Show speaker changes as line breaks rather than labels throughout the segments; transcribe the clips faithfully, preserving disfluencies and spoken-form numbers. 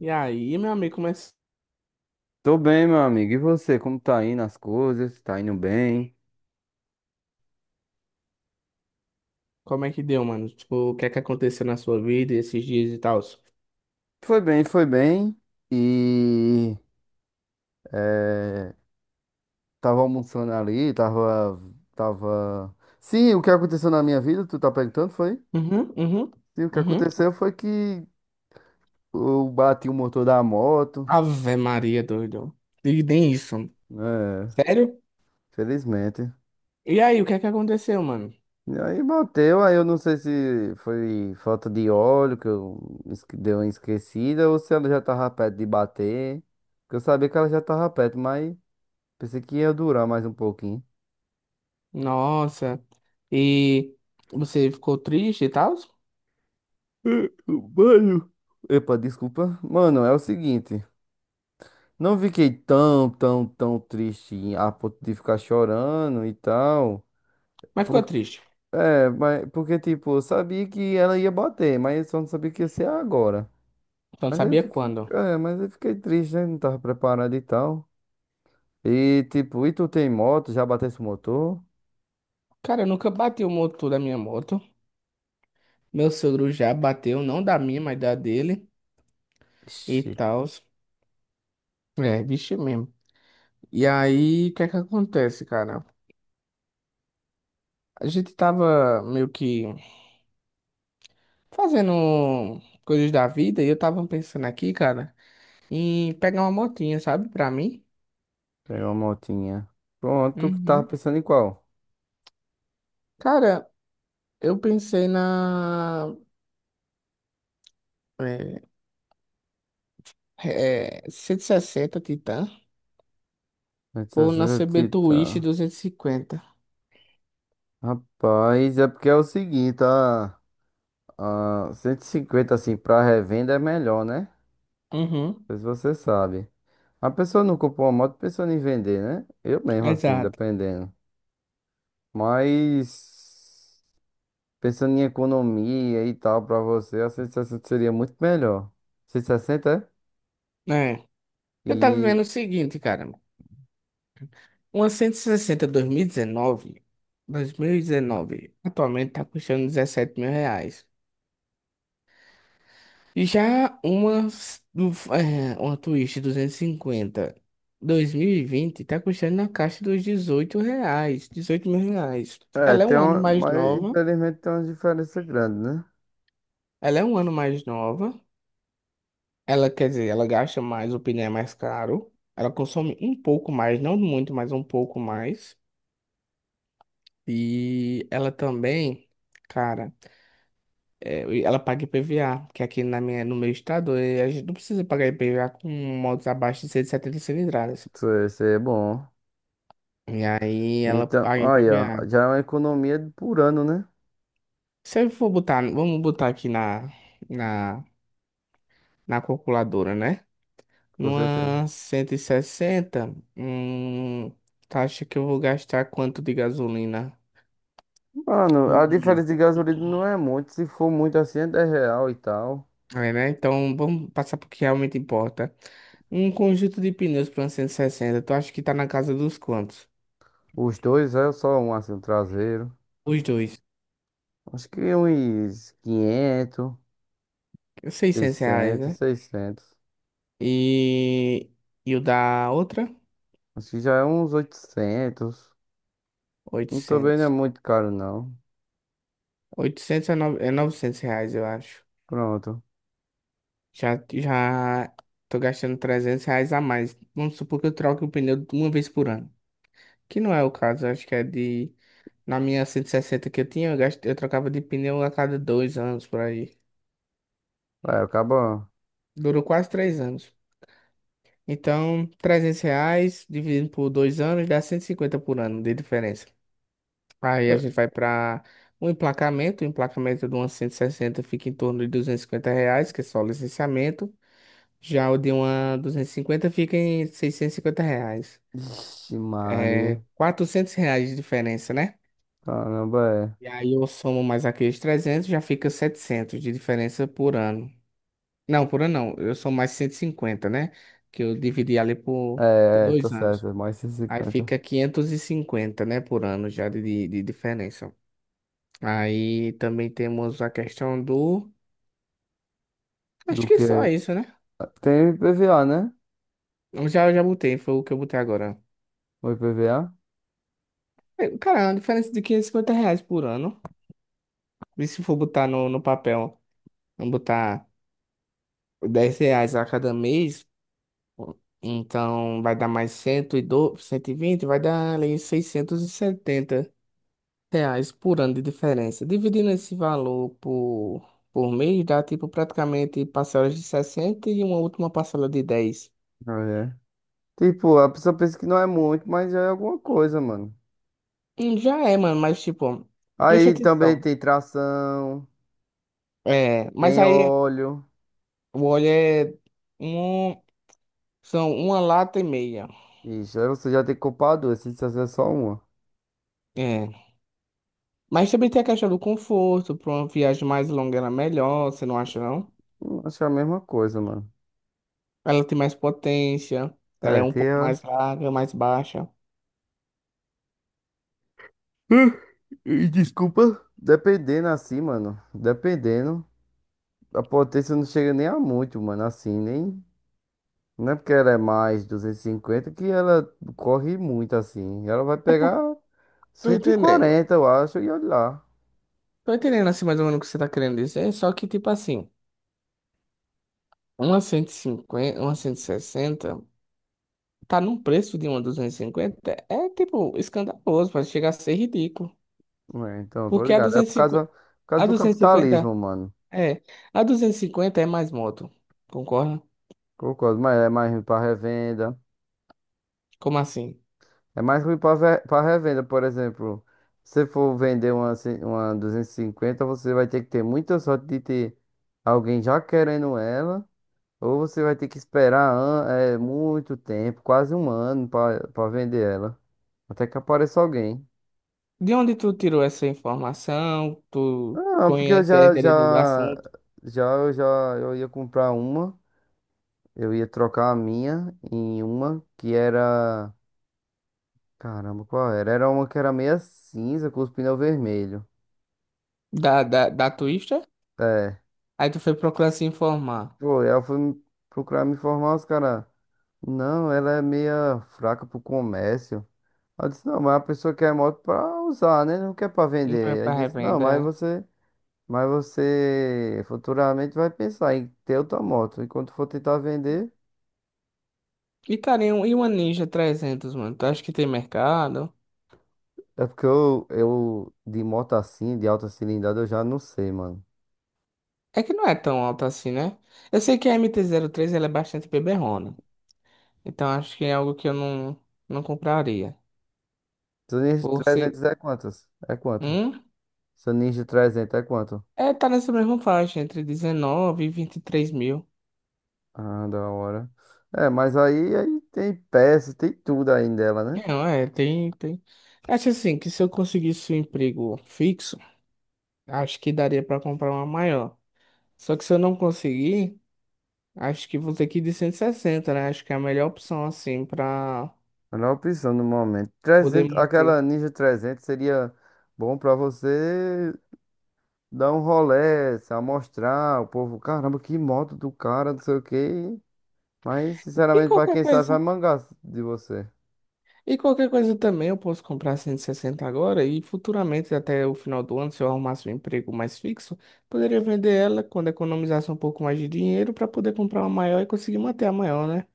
E aí, meu amigo, como é,
Tô bem, meu amigo. E você, como tá indo as coisas? Tá indo bem?
como é que deu, mano? Tipo, o que é que aconteceu na sua vida esses dias e tal?
Foi bem, foi bem. E eh, tava almoçando ali, tava, tava. Sim, o que aconteceu na minha vida, tu tá perguntando, foi?
Uhum, uhum,
Sim, o que
uhum.
aconteceu foi que eu bati o motor da moto,
Ave Maria, doido. E nem isso.
né?
Sério?
Felizmente.
E aí, o que é que aconteceu, mano?
E aí bateu, aí eu não sei se foi falta de óleo que eu esque- deu uma esquecida ou se ela já tava perto de bater. Porque eu sabia que ela já tava perto, mas. Pensei que ia durar mais um pouquinho.
Nossa. E você ficou triste e tal?
Eh, Mano. Epa, desculpa. Mano, é o seguinte. Não fiquei tão, tão, tão triste a ponto de ficar chorando e tal.
Mas ficou
Por...
triste.
É, mas porque, tipo, eu sabia que ela ia bater, mas eu só não sabia que ia ser agora.
Então,
Mas aí
sabia
fiquei,
quando?
é, mas eu fiquei triste, né? Não tava preparado e tal. E, tipo, e tu tem moto? Já bateu esse motor?
Cara, eu nunca bati o motor da minha moto. Meu sogro já bateu, não da minha, mas da dele e
Ixi,
tal. É, bicho mesmo. E aí, o que é que acontece, cara? A gente tava meio que fazendo coisas da vida e eu tava pensando aqui, cara, em pegar uma motinha, sabe, pra mim.
tem uma motinha. Pronto, tu que tava
Uhum.
pensando em qual?
Cara, eu pensei na é, é, cento e sessenta Titan ou na C B Twist
setecentos e sessenta,
duzentos e cinquenta.
Rapaz, é porque é o seguinte, a, a cento e cinquenta assim pra revenda é melhor, né?
Uhum.
Não sei se você sabe. A pessoa não comprou uma moto pensando em vender, né? Eu mesmo assim,
Exato.
dependendo. Mas pensando em economia e tal pra você, a cento e sessenta seria muito melhor. cento e sessenta
É.
é?
Eu tava
E
vendo o seguinte, cara. Uma cento e sessenta dois mil e dezenove, dois mil e dezenove, atualmente tá custando dezessete mil reais. E já uma, s- um, f- eh, uma Twist duzentos e cinquenta dois mil e vinte tá custando na caixa dos dezoito reais, dezoito mil reais.
é,
Ela é
tem
um ano
uma,
mais
mas
nova,
infelizmente tem uma diferença grande, né?
ela é um ano mais nova, ela, quer dizer, ela gasta mais, o pneu é mais caro, ela consome um pouco mais, não muito, mas um pouco mais. E ela também, cara, eh, ela paga I P V A, que aqui na minha, no meu estado eh, a gente não precisa pagar I P V A com motos abaixo de cento e setenta cilindradas.
Isso é isso é bom.
E aí ela
Então,
paga em
olha,
P V A.
já é uma economia por ano, né?
Se eu for botar, vamos botar aqui na, na, na calculadora, né?
Com certeza.
Numa cento e sessenta, hum, tu acha que eu vou gastar quanto de gasolina?
Mano,
Por
a
mês?
diferença de gasolina não é muito. Se for muito assim, é dez real e tal.
É, né? Então vamos passar pro que realmente importa. Um conjunto de pneus para uma cento e sessenta. Tu acha que tá na casa dos quantos?
Os dois é só um assim, um traseiro.
Os dois.
Acho que uns quinhentos,
Seiscentos reais,
seiscentos,
né?
seiscentos.
E, e o da outra?
Acho que já é uns oitocentos. Não, também não é
Oitocentos.
muito caro, não.
Oitocentos é, nove é novecentos reais, eu acho.
Pronto.
Já, já tô gastando trezentos reais a mais. Vamos supor que eu troque o pneu uma vez por ano. Que não é o caso, acho que é de... Na minha cento e sessenta que eu tinha, eu, gasto, eu trocava de pneu a cada dois anos, por aí.
É, acabou.
Durou quase três anos. Então, trezentos reais dividido por dois anos dá cento e cinquenta por ano de diferença. Aí a gente vai para o emplacamento. O emplacamento de uma cento e sessenta fica em torno de duzentos e cinquenta reais, que é só o licenciamento. Já o de uma duzentos e cinquenta fica em seiscentos e cinquenta reais.
Ixi, Maria.
É, quatrocentos reais de diferença, né?
Caramba,
E aí eu somo mais aqueles trezentos, já fica setecentos de diferença por ano. Não, por ano não, eu somo mais cento e cinquenta, né? Que eu dividi ali
é.
por, por
É, é, tá
dois
certo.
anos.
É mais
Aí
cento e cinquenta
fica quinhentos e cinquenta, né, por ano já de, de de diferença. Aí também temos a questão do... Acho
do
que
que.
só isso, né?
Ah, tem I P V A, né?
Eu já, já botei, foi o que eu botei agora.
O I P V A?
É, cara, é uma diferença de quinhentos e cinquenta reais por ano. E se for botar no, no papel, não botar... dez reais a cada mês, então vai dar mais cento cento e doze, cento e vinte, vai dar ali seiscentos e setenta reais por ano de diferença. Dividindo esse valor por, por mês, dá tipo praticamente parcelas de sessenta e uma última parcela de dez.
É. Tipo, a pessoa pensa que não é muito, mas já é alguma coisa, mano.
Hum. Já é, mano, mas tipo, preste
Aí também
atenção.
tem tração,
É, mas
tem
aí
óleo.
o óleo é um, são uma lata e meia.
Ixi, aí você já tem que comprar duas, se você é só uma.
É. Mas também tem a questão do conforto, para uma viagem mais longa era melhor, você não acha, não?
Hum, Acho que é a mesma coisa, mano.
Ela tem mais potência, ela é
É,
um
tem
pouco
a...
mais larga, mais baixa.
Pô, dependendo assim, mano. Dependendo. A potência não chega nem a muito, mano. Assim, nem... Não é porque ela é mais duzentos e cinquenta que ela corre muito, assim. Ela vai
É
pegar
porque tô
cento e
entendendo.
quarenta, eu acho, e olha lá.
Tô entendendo assim mais ou menos o que você tá querendo dizer, só que tipo assim, uma cento e cinquenta, uma cento e sessenta, tá num preço de uma duzentos e cinquenta, é tipo escandaloso, pode chegar a ser ridículo.
É, então, tô
Porque a
ligado. É
duzentos
por
e
causa...
cinquenta,
Por causa
a
do
duzentos e cinquenta
capitalismo, mano.
é, a duzentos e cinquenta é mais moto. Concorda?
Concordo, mas é mais ruim para revenda.
Como assim?
É mais ruim para revenda, por exemplo. Se você for vender uma, ci- uma duzentos e cinquenta, você vai ter que ter muita sorte de ter alguém já querendo ela, ou você vai ter que esperar an- é, muito tempo, quase um ano, para vender ela. Até que apareça alguém.
De onde tu tirou essa informação? Tu
Ah, porque eu
conhece a
já, já,
entender do assunto
já, eu já, eu ia comprar uma, eu ia trocar a minha em uma que era. Caramba, qual era? Era uma que era meia cinza com os pneus vermelhos.
da da da Twister?
É.
Aí tu foi procurar se informar.
Pô, aí eu fui procurar me informar, os caras. Não, ela é meia fraca pro comércio. Aí eu disse, não, mas a pessoa quer moto pra usar, né? Não quer pra
E não é
vender. Aí
pra
disse, não,
revenda.
mas
É.
você. Mas você futuramente vai pensar em ter outra moto. E quando for tentar vender.
E, cara, e um- e uma Ninja trezentos, mano? Tu acha que tem mercado?
É porque eu, eu de moto assim, de alta cilindrada, eu já não sei, mano.
É que não é tão alta assim, né? Eu sei que a M T três ela é bastante beberrona. Então acho que é algo que eu não, não compraria.
Seu Ninja
Por ser...
trezentos é quantas? É quanto?
Hum?
Seu Ninja trezentos é quanto?
É, tá nessa mesma faixa, entre dezenove e vinte e três mil.
Ah, da hora. É, mas aí, aí tem peça, tem tudo aí dela, né?
Não, é, tem, tem. Acho assim, que se eu conseguisse um emprego fixo, acho que daria pra comprar uma maior. Só que se eu não conseguir... Acho que vou ter que ir de cento e sessenta, né? Acho que é a melhor opção, assim, pra
Melhor opção no momento.
poder
trezentos,
manter.
aquela Ninja trezentos seria bom pra você dar um rolê, se amostrar, o povo, caramba, que moto do cara, não sei o quê. Mas,
E
sinceramente, pra
qualquer
quem sabe,
coisa,
vai mangar de você.
e qualquer coisa também eu posso comprar cento e sessenta agora e futuramente, até o final do ano, se eu arrumasse um emprego mais fixo, poderia vender ela quando economizasse um pouco mais de dinheiro para poder comprar uma maior e conseguir manter a maior, né?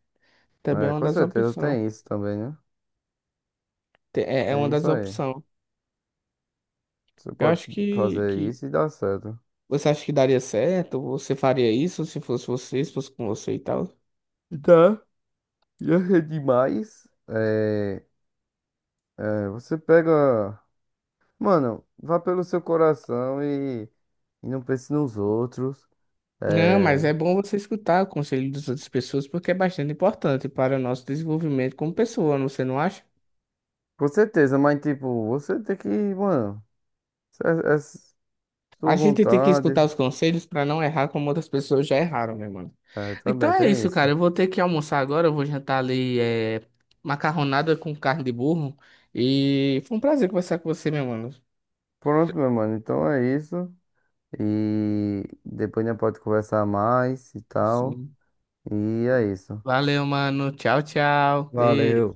Também é
É,
uma
com
das
certeza
opções.
tem isso também, né?
Te- É, é uma
Tem isso
das
aí.
opções.
Você
Eu
pode
acho que,
fazer
que
isso e dá certo.
você acha que daria certo? Você faria isso se fosse você, se fosse com você e tal?
E tá. E é demais. É, é, você pega. Mano, vá pelo seu coração e, e, não pense nos outros.
Não, mas
É,
é bom você escutar o conselho das outras pessoas porque é bastante importante para o nosso desenvolvimento como pessoa, você não acha?
com certeza, mas tipo, você tem que, mano, é, é sua
A gente tem que
vontade.
escutar os conselhos para não errar como outras pessoas já erraram, meu mano.
É,
Então
também
é
tem
isso,
isso.
cara. Eu vou ter que almoçar agora, eu vou jantar ali é, macarronada com carne de burro. E foi um prazer conversar com você, meu mano.
Pronto, meu mano, então é isso. E depois a gente pode conversar mais e tal.
Sim.
E é isso.
Valeu, mano. Tchau, tchau. Beijo.
Valeu.